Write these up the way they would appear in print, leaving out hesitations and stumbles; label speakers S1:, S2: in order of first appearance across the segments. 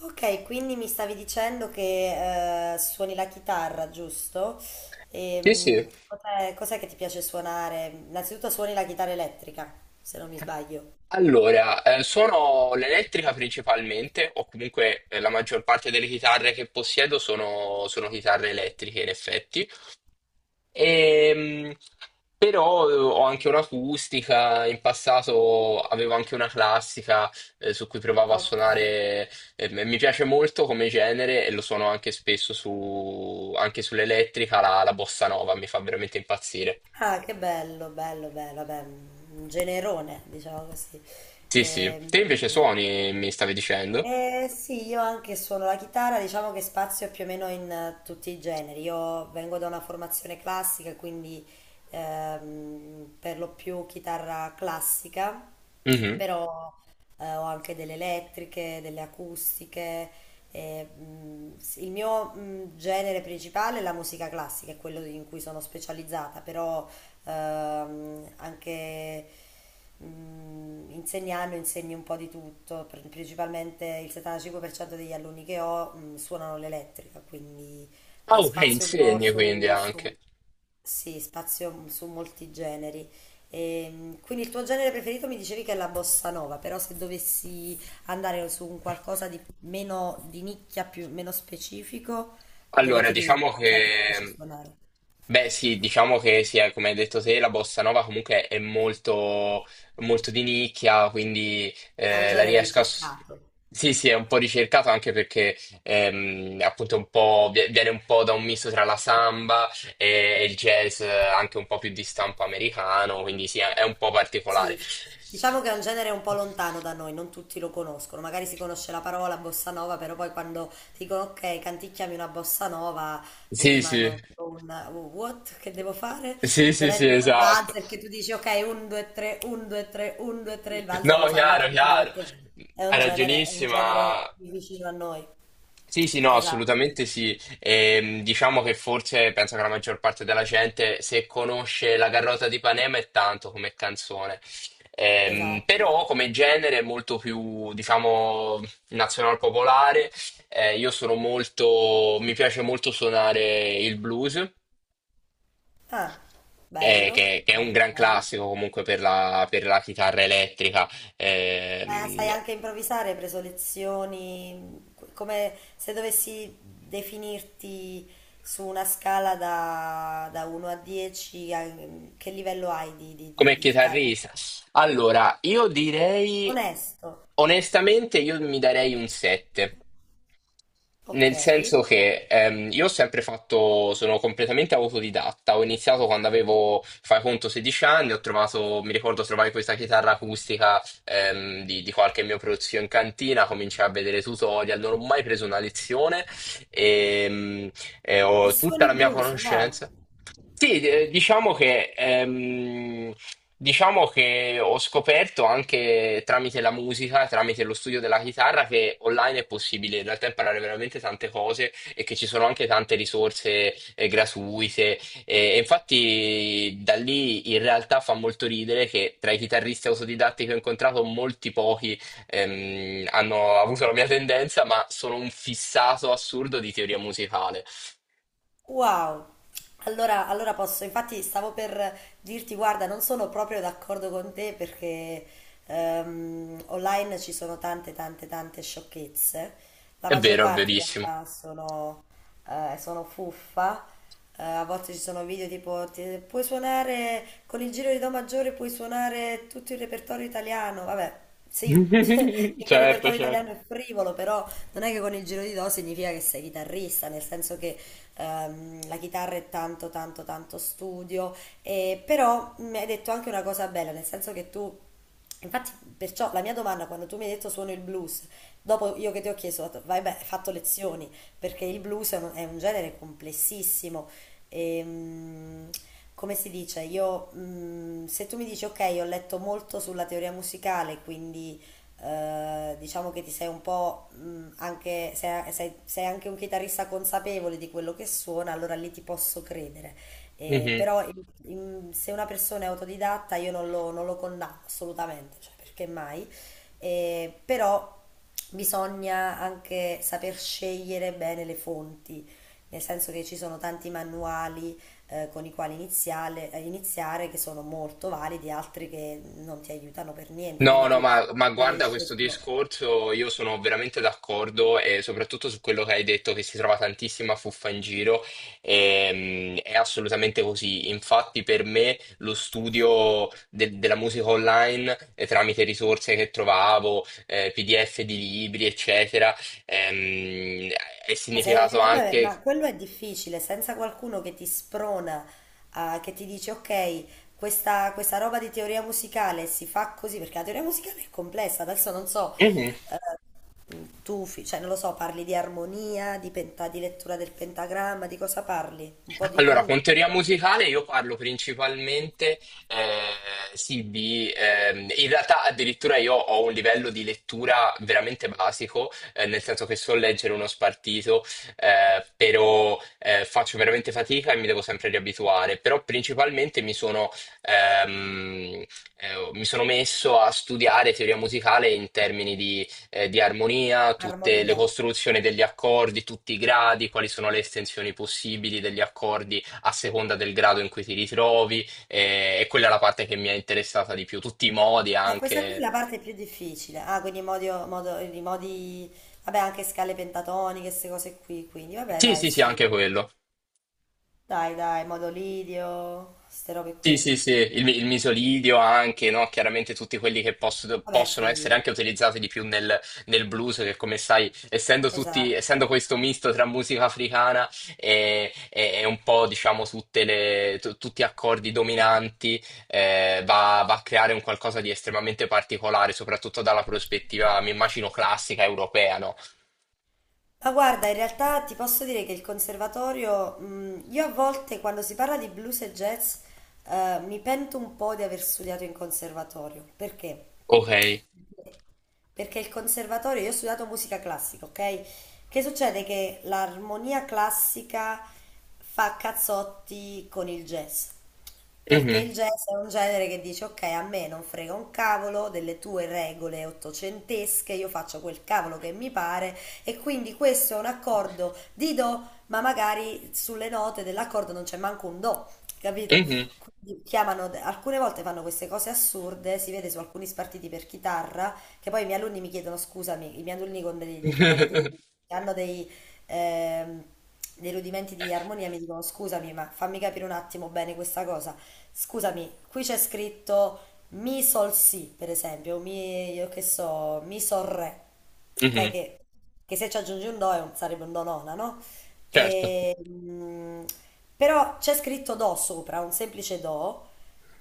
S1: Ok, quindi mi stavi dicendo che suoni la chitarra, giusto?
S2: Sì,
S1: Ehm,
S2: sì.
S1: cos'è, cos'è che ti piace suonare? Innanzitutto suoni la chitarra elettrica, se non mi sbaglio.
S2: Allora, suono l'elettrica principalmente, o comunque la maggior parte delle chitarre che possiedo sono chitarre elettriche, in effetti. Ehm, Però ho anche un'acustica, in passato avevo anche una classica su cui provavo a
S1: Ok.
S2: suonare. Mi piace molto come genere e lo suono anche spesso su, anche sull'elettrica, la bossa nova mi fa veramente impazzire.
S1: Ah, che bello, bello, bello, vabbè, un generone, diciamo così.
S2: Sì, sì.
S1: Ehm,
S2: Te invece suoni, mi stavi dicendo?
S1: Sì, io anche suono la chitarra, diciamo che spazio più o meno in tutti i generi. Io vengo da una formazione classica, quindi per lo più chitarra classica,
S2: Mhm.
S1: però ho anche delle elettriche, delle acustiche. Sì, il mio genere principale è la musica classica, è quello in cui sono specializzata. Però Ehm, anche insegnando insegni un po' di tutto. Principalmente il 75% degli alunni che ho suonano l'elettrica, quindi
S2: Ah, ok,
S1: spazio un po'
S2: insegni quindi anche.
S1: sì, spazio su molti generi. Quindi il tuo genere preferito, mi dicevi, che è la bossa nova, però se dovessi andare su un qualcosa di meno di nicchia, più, meno specifico, dove
S2: Allora,
S1: ti rivedi?
S2: diciamo
S1: Cos'è che ti piace
S2: che,
S1: suonare?
S2: beh sì, diciamo che sì, come hai detto te, la bossa nova comunque è molto, molto di nicchia, quindi
S1: È un
S2: la
S1: genere
S2: riesco a...
S1: ricercato.
S2: Sì, sì, è un po' ricercato anche perché appunto è un po', viene un po' da un misto tra la samba e, e il jazz, anche un po' più di stampo americano, quindi sì, è un po' particolare.
S1: Sì, diciamo che è un genere un po' lontano da noi, non tutti lo conoscono, magari si conosce la parola bossa nova, però poi quando dicono ok, canticchiami una bossa nova,
S2: Sì, sì.
S1: rimangono tipo un "Oh, what che devo fare?
S2: Sì,
S1: Non
S2: sì,
S1: è
S2: sì,
S1: tipo il
S2: esatto.
S1: valzer che tu dici ok, 1, 2, 3, 1, 2, 3, 1, 2, 3, il
S2: No,
S1: valzer lo sanno
S2: chiaro,
S1: tutti, ma
S2: chiaro.
S1: perché
S2: Hai
S1: è un
S2: ragionissima.
S1: genere più vicino a noi.
S2: Sì, sì, no,
S1: Esatto,
S2: assolutamente sì. Diciamo che forse penso che la maggior parte della gente, se conosce La Carlotta di Panema è tanto come canzone.
S1: esatto,
S2: Però come
S1: esatto.
S2: genere è molto più, diciamo, nazional popolare. Io sono molto, mi piace molto suonare il blues.
S1: Ah,
S2: Eh,
S1: bello,
S2: che è un
S1: bello,
S2: gran
S1: bello.
S2: classico comunque per la chitarra elettrica.
S1: Ma
S2: ehm,
S1: sai anche improvvisare, hai preso lezioni, come se dovessi definirti su una scala da 1 a 10, che livello hai di, di, di,
S2: Come
S1: di chitarra?
S2: chitarrista, allora, io direi
S1: Onesto,
S2: onestamente io mi darei un 7.
S1: ok.
S2: Nel senso
S1: E
S2: che io ho sempre fatto, sono completamente autodidatta, ho iniziato quando avevo, fai conto, 16 anni, ho trovato, mi ricordo trovai questa chitarra acustica, di qualche mio prozio in cantina, cominciai a vedere tutorial, non ho mai preso una lezione e, e ho tutta
S1: suoni
S2: la mia
S1: blues, wow.
S2: conoscenza. Sì, diciamo che ho scoperto anche tramite la musica, tramite lo studio della chitarra, che online è possibile in realtà imparare veramente tante cose e che ci sono anche tante risorse gratuite. E infatti da lì in realtà fa molto ridere che tra i chitarristi autodidatti che ho incontrato molti pochi hanno avuto la mia tendenza, ma sono un fissato assurdo di teoria musicale.
S1: Wow! Allora, allora posso, infatti stavo per dirti, guarda, non sono proprio d'accordo con te perché online ci sono tante, tante, tante sciocchezze. La
S2: È
S1: maggior
S2: vero, è
S1: parte in
S2: verissimo.
S1: realtà sono, sono fuffa, a volte ci sono video tipo puoi suonare con il giro di Do maggiore, puoi suonare tutto il repertorio italiano. Vabbè, sì, perché il
S2: Certo,
S1: repertorio
S2: certo.
S1: italiano è frivolo, però non è che con il giro di Do significa che sei chitarrista, nel senso che la chitarra è tanto, tanto, tanto studio. E però mi hai detto anche una cosa bella, nel senso che tu. Infatti, perciò la mia domanda, quando tu mi hai detto suono il blues, dopo io che ti ho chiesto, ho detto, vai beh, hai fatto lezioni, perché il blues è un genere complessissimo. E, mm, Come si dice, se tu mi dici ok, ho letto molto sulla teoria musicale, quindi diciamo che ti sei un po' anche, sei, sei anche un chitarrista consapevole di quello che suona, allora lì ti posso credere.
S2: Mhm.
S1: Però se una persona è autodidatta io non lo condanno assolutamente, cioè perché mai? Però bisogna anche saper scegliere bene le fonti, nel senso che ci sono tanti manuali con i quali iniziare che sono molto validi, altri che non ti aiutano per niente,
S2: No,
S1: quindi
S2: no,
S1: tu
S2: ma
S1: magari hai
S2: guarda questo
S1: scelto...
S2: discorso, io sono veramente d'accordo e soprattutto su quello che hai detto che si trova tantissima fuffa in giro. È assolutamente così. Infatti per me lo studio della musica online, tramite risorse che trovavo, PDF di libri, eccetera, ehm, è
S1: Ma sai,
S2: significato
S1: vabbè,
S2: anche...
S1: ma quello è difficile, senza qualcuno che ti sprona, che ti dice ok, questa roba di teoria musicale si fa così, perché la teoria musicale è complessa, adesso non so, eh, cioè non lo so, parli di armonia, di lettura del pentagramma, di cosa parli? Un po' di
S2: Allora, con
S1: tutto,
S2: teoria musicale io parlo principalmente, sì, in realtà addirittura io ho un livello di lettura veramente basico, nel senso che so leggere uno spartito, però faccio veramente fatica e mi devo sempre riabituare. Però principalmente ehm, mi sono messo a studiare teoria musicale in termini di armonia, tutte le
S1: armonia.
S2: costruzioni degli accordi, tutti i gradi, quali sono le estensioni possibili degli accordi a seconda del grado in cui ti ritrovi, e quella è la parte che mi è interessata di più, tutti i modi
S1: Questa qui è
S2: anche.
S1: la parte più difficile. Ah, quindi modi, modi, modi, vabbè, anche scale pentatoniche, queste cose qui, quindi vabbè,
S2: Sì,
S1: dai,
S2: sì, sì,
S1: sì.
S2: anche quello.
S1: Dai, dai, modo lidio, queste robe
S2: Sì,
S1: qui.
S2: sì, sì, il, il misolidio anche, no? Chiaramente tutti quelli che
S1: Vabbè,
S2: possono essere
S1: sì,
S2: anche utilizzati di più nel, nel blues, che come sai, essendo tutti, essendo
S1: esatto.
S2: questo misto tra musica africana e, e un po', diciamo, tutte le, tutti accordi dominanti, va a creare un qualcosa di estremamente particolare, soprattutto dalla prospettiva, mi immagino, classica europea, no?
S1: Ma guarda, in realtà ti posso dire che il conservatorio, io a volte quando si parla di blues e jazz, mi pento un po' di aver studiato in conservatorio. Perché?
S2: Ok.
S1: Perché il conservatorio, io ho studiato musica classica, ok? Che succede che l'armonia classica fa cazzotti con il jazz. Perché
S2: Mhm.
S1: il jazz è un genere che dice, ok, a me non frega un cavolo delle tue regole ottocentesche, io faccio quel cavolo che mi pare e quindi questo è un accordo di do, ma magari sulle note dell'accordo non c'è manco un do, capito?
S2: Mhm.
S1: Quindi chiamano, alcune volte fanno queste cose assurde, si vede su alcuni spartiti per chitarra, che poi i miei alunni mi chiedono, scusami, i miei alunni con dei fondamenti di... che hanno dei... ehm, dei rudimenti di armonia mi dicono scusami, ma fammi capire un attimo bene questa cosa. Scusami, qui c'è scritto mi sol si, per esempio, mi, io che so, mi sol re, ok?
S2: Mhm.
S1: Che se ci aggiungi un do sarebbe un do nona, no?
S2: Certo.
S1: E, mm, Però c'è scritto do sopra, un semplice do,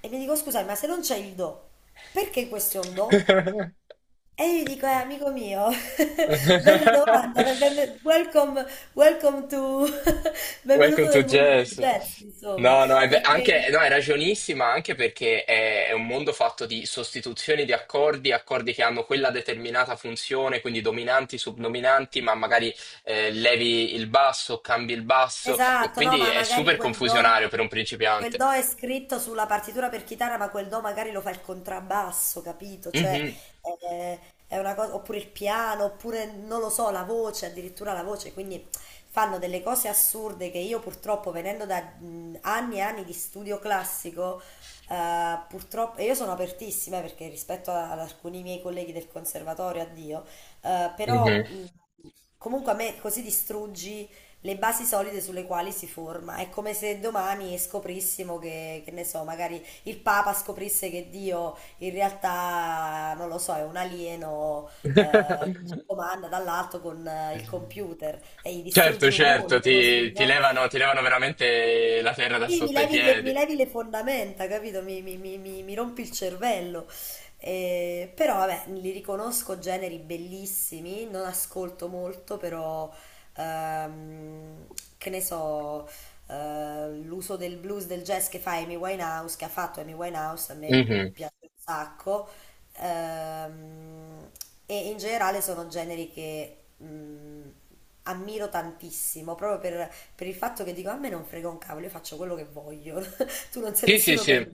S1: e mi dico scusami, ma se non c'è il do, perché questo è un do? E io gli dico, amico mio, bella domanda, welcome, welcome to,
S2: Welcome
S1: benvenuto
S2: to
S1: nel mondo del
S2: jazz.
S1: jazz, insomma,
S2: No, no, anche,
S1: perché...
S2: no, è ragionissima anche perché è un mondo fatto di sostituzioni di accordi, accordi che hanno quella determinata funzione, quindi dominanti, subdominanti, ma magari levi il basso, cambi il basso, e
S1: Esatto, no,
S2: quindi
S1: ma
S2: è
S1: magari
S2: super confusionario per un
S1: quel
S2: principiante.
S1: do è scritto sulla partitura per chitarra, ma quel do magari lo fa il contrabbasso, capito? Cioè,
S2: Mhm,
S1: eh, è una cosa, oppure il piano, oppure non lo so, la voce, addirittura la voce, quindi fanno delle cose assurde che io purtroppo venendo da anni e anni di studio classico, purtroppo, e io sono apertissima perché rispetto ad alcuni miei colleghi del conservatorio, addio,
S2: mhm.
S1: però comunque a me così distruggi le basi solide sulle quali si forma. È come se domani scoprissimo che ne so, magari il Papa scoprisse che Dio in realtà, non lo so, è un alieno che ci comanda dall'alto con il computer e gli distruggi
S2: Certo,
S1: un
S2: certo,
S1: mondo
S2: ti,
S1: così, no?
S2: ti levano veramente la terra da
S1: Sì,
S2: sotto ai piedi.
S1: mi levi le fondamenta, capito? Mi rompi il cervello. Però vabbè, li riconosco generi bellissimi, non ascolto molto, però ehm, che ne so, l'uso del blues, del jazz che fa Amy Winehouse, che ha fatto Amy Winehouse, a me
S2: Mm-hmm.
S1: piace un sacco. Ehm, e in generale sono generi che mm, ammiro tantissimo, proprio per il fatto che dico a me non frega un cavolo, io faccio quello che voglio, tu non sei
S2: Sì, sì,
S1: nessuno per
S2: sì.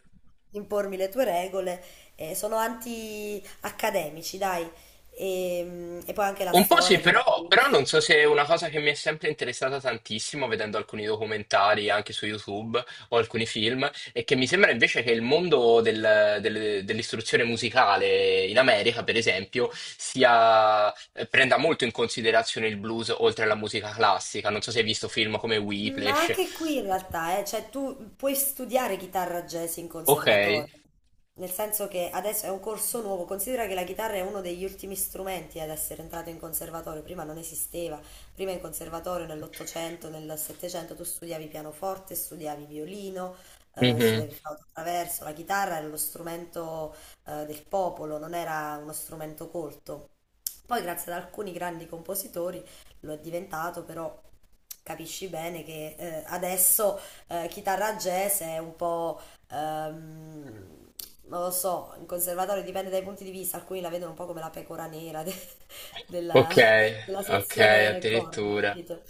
S1: impormi le tue regole, sono anti-accademici, dai, e poi anche la
S2: Un po' sì,
S1: storia del
S2: però, però
S1: blues.
S2: non so se è una cosa che mi è sempre interessata tantissimo, vedendo alcuni documentari anche su YouTube o alcuni film, e che mi sembra invece che il mondo dell'istruzione musicale in America, per esempio, sia, prenda molto in considerazione il blues oltre alla musica classica. Non so se hai visto film come
S1: Ma
S2: Whiplash.
S1: anche qui in realtà, cioè tu puoi studiare chitarra jazz in
S2: Ok.
S1: conservatorio. Nel senso che adesso è un corso nuovo, considera che la chitarra è uno degli ultimi strumenti ad essere entrato in conservatorio, prima non esisteva, prima in conservatorio nell'Ottocento, nel Settecento tu studiavi pianoforte, studiavi violino,
S2: Mhm.
S1: studiavi flauto traverso, la chitarra era lo strumento del popolo, non era uno strumento colto. Poi grazie ad alcuni grandi compositori lo è diventato, però capisci bene che adesso chitarra jazz è un po' Ehm, non lo so, in conservatorio dipende dai punti di vista, alcuni la vedono un po' come la pecora nera della,
S2: Ok,
S1: della
S2: ok,
S1: sezione corvi,
S2: addirittura.
S1: capito?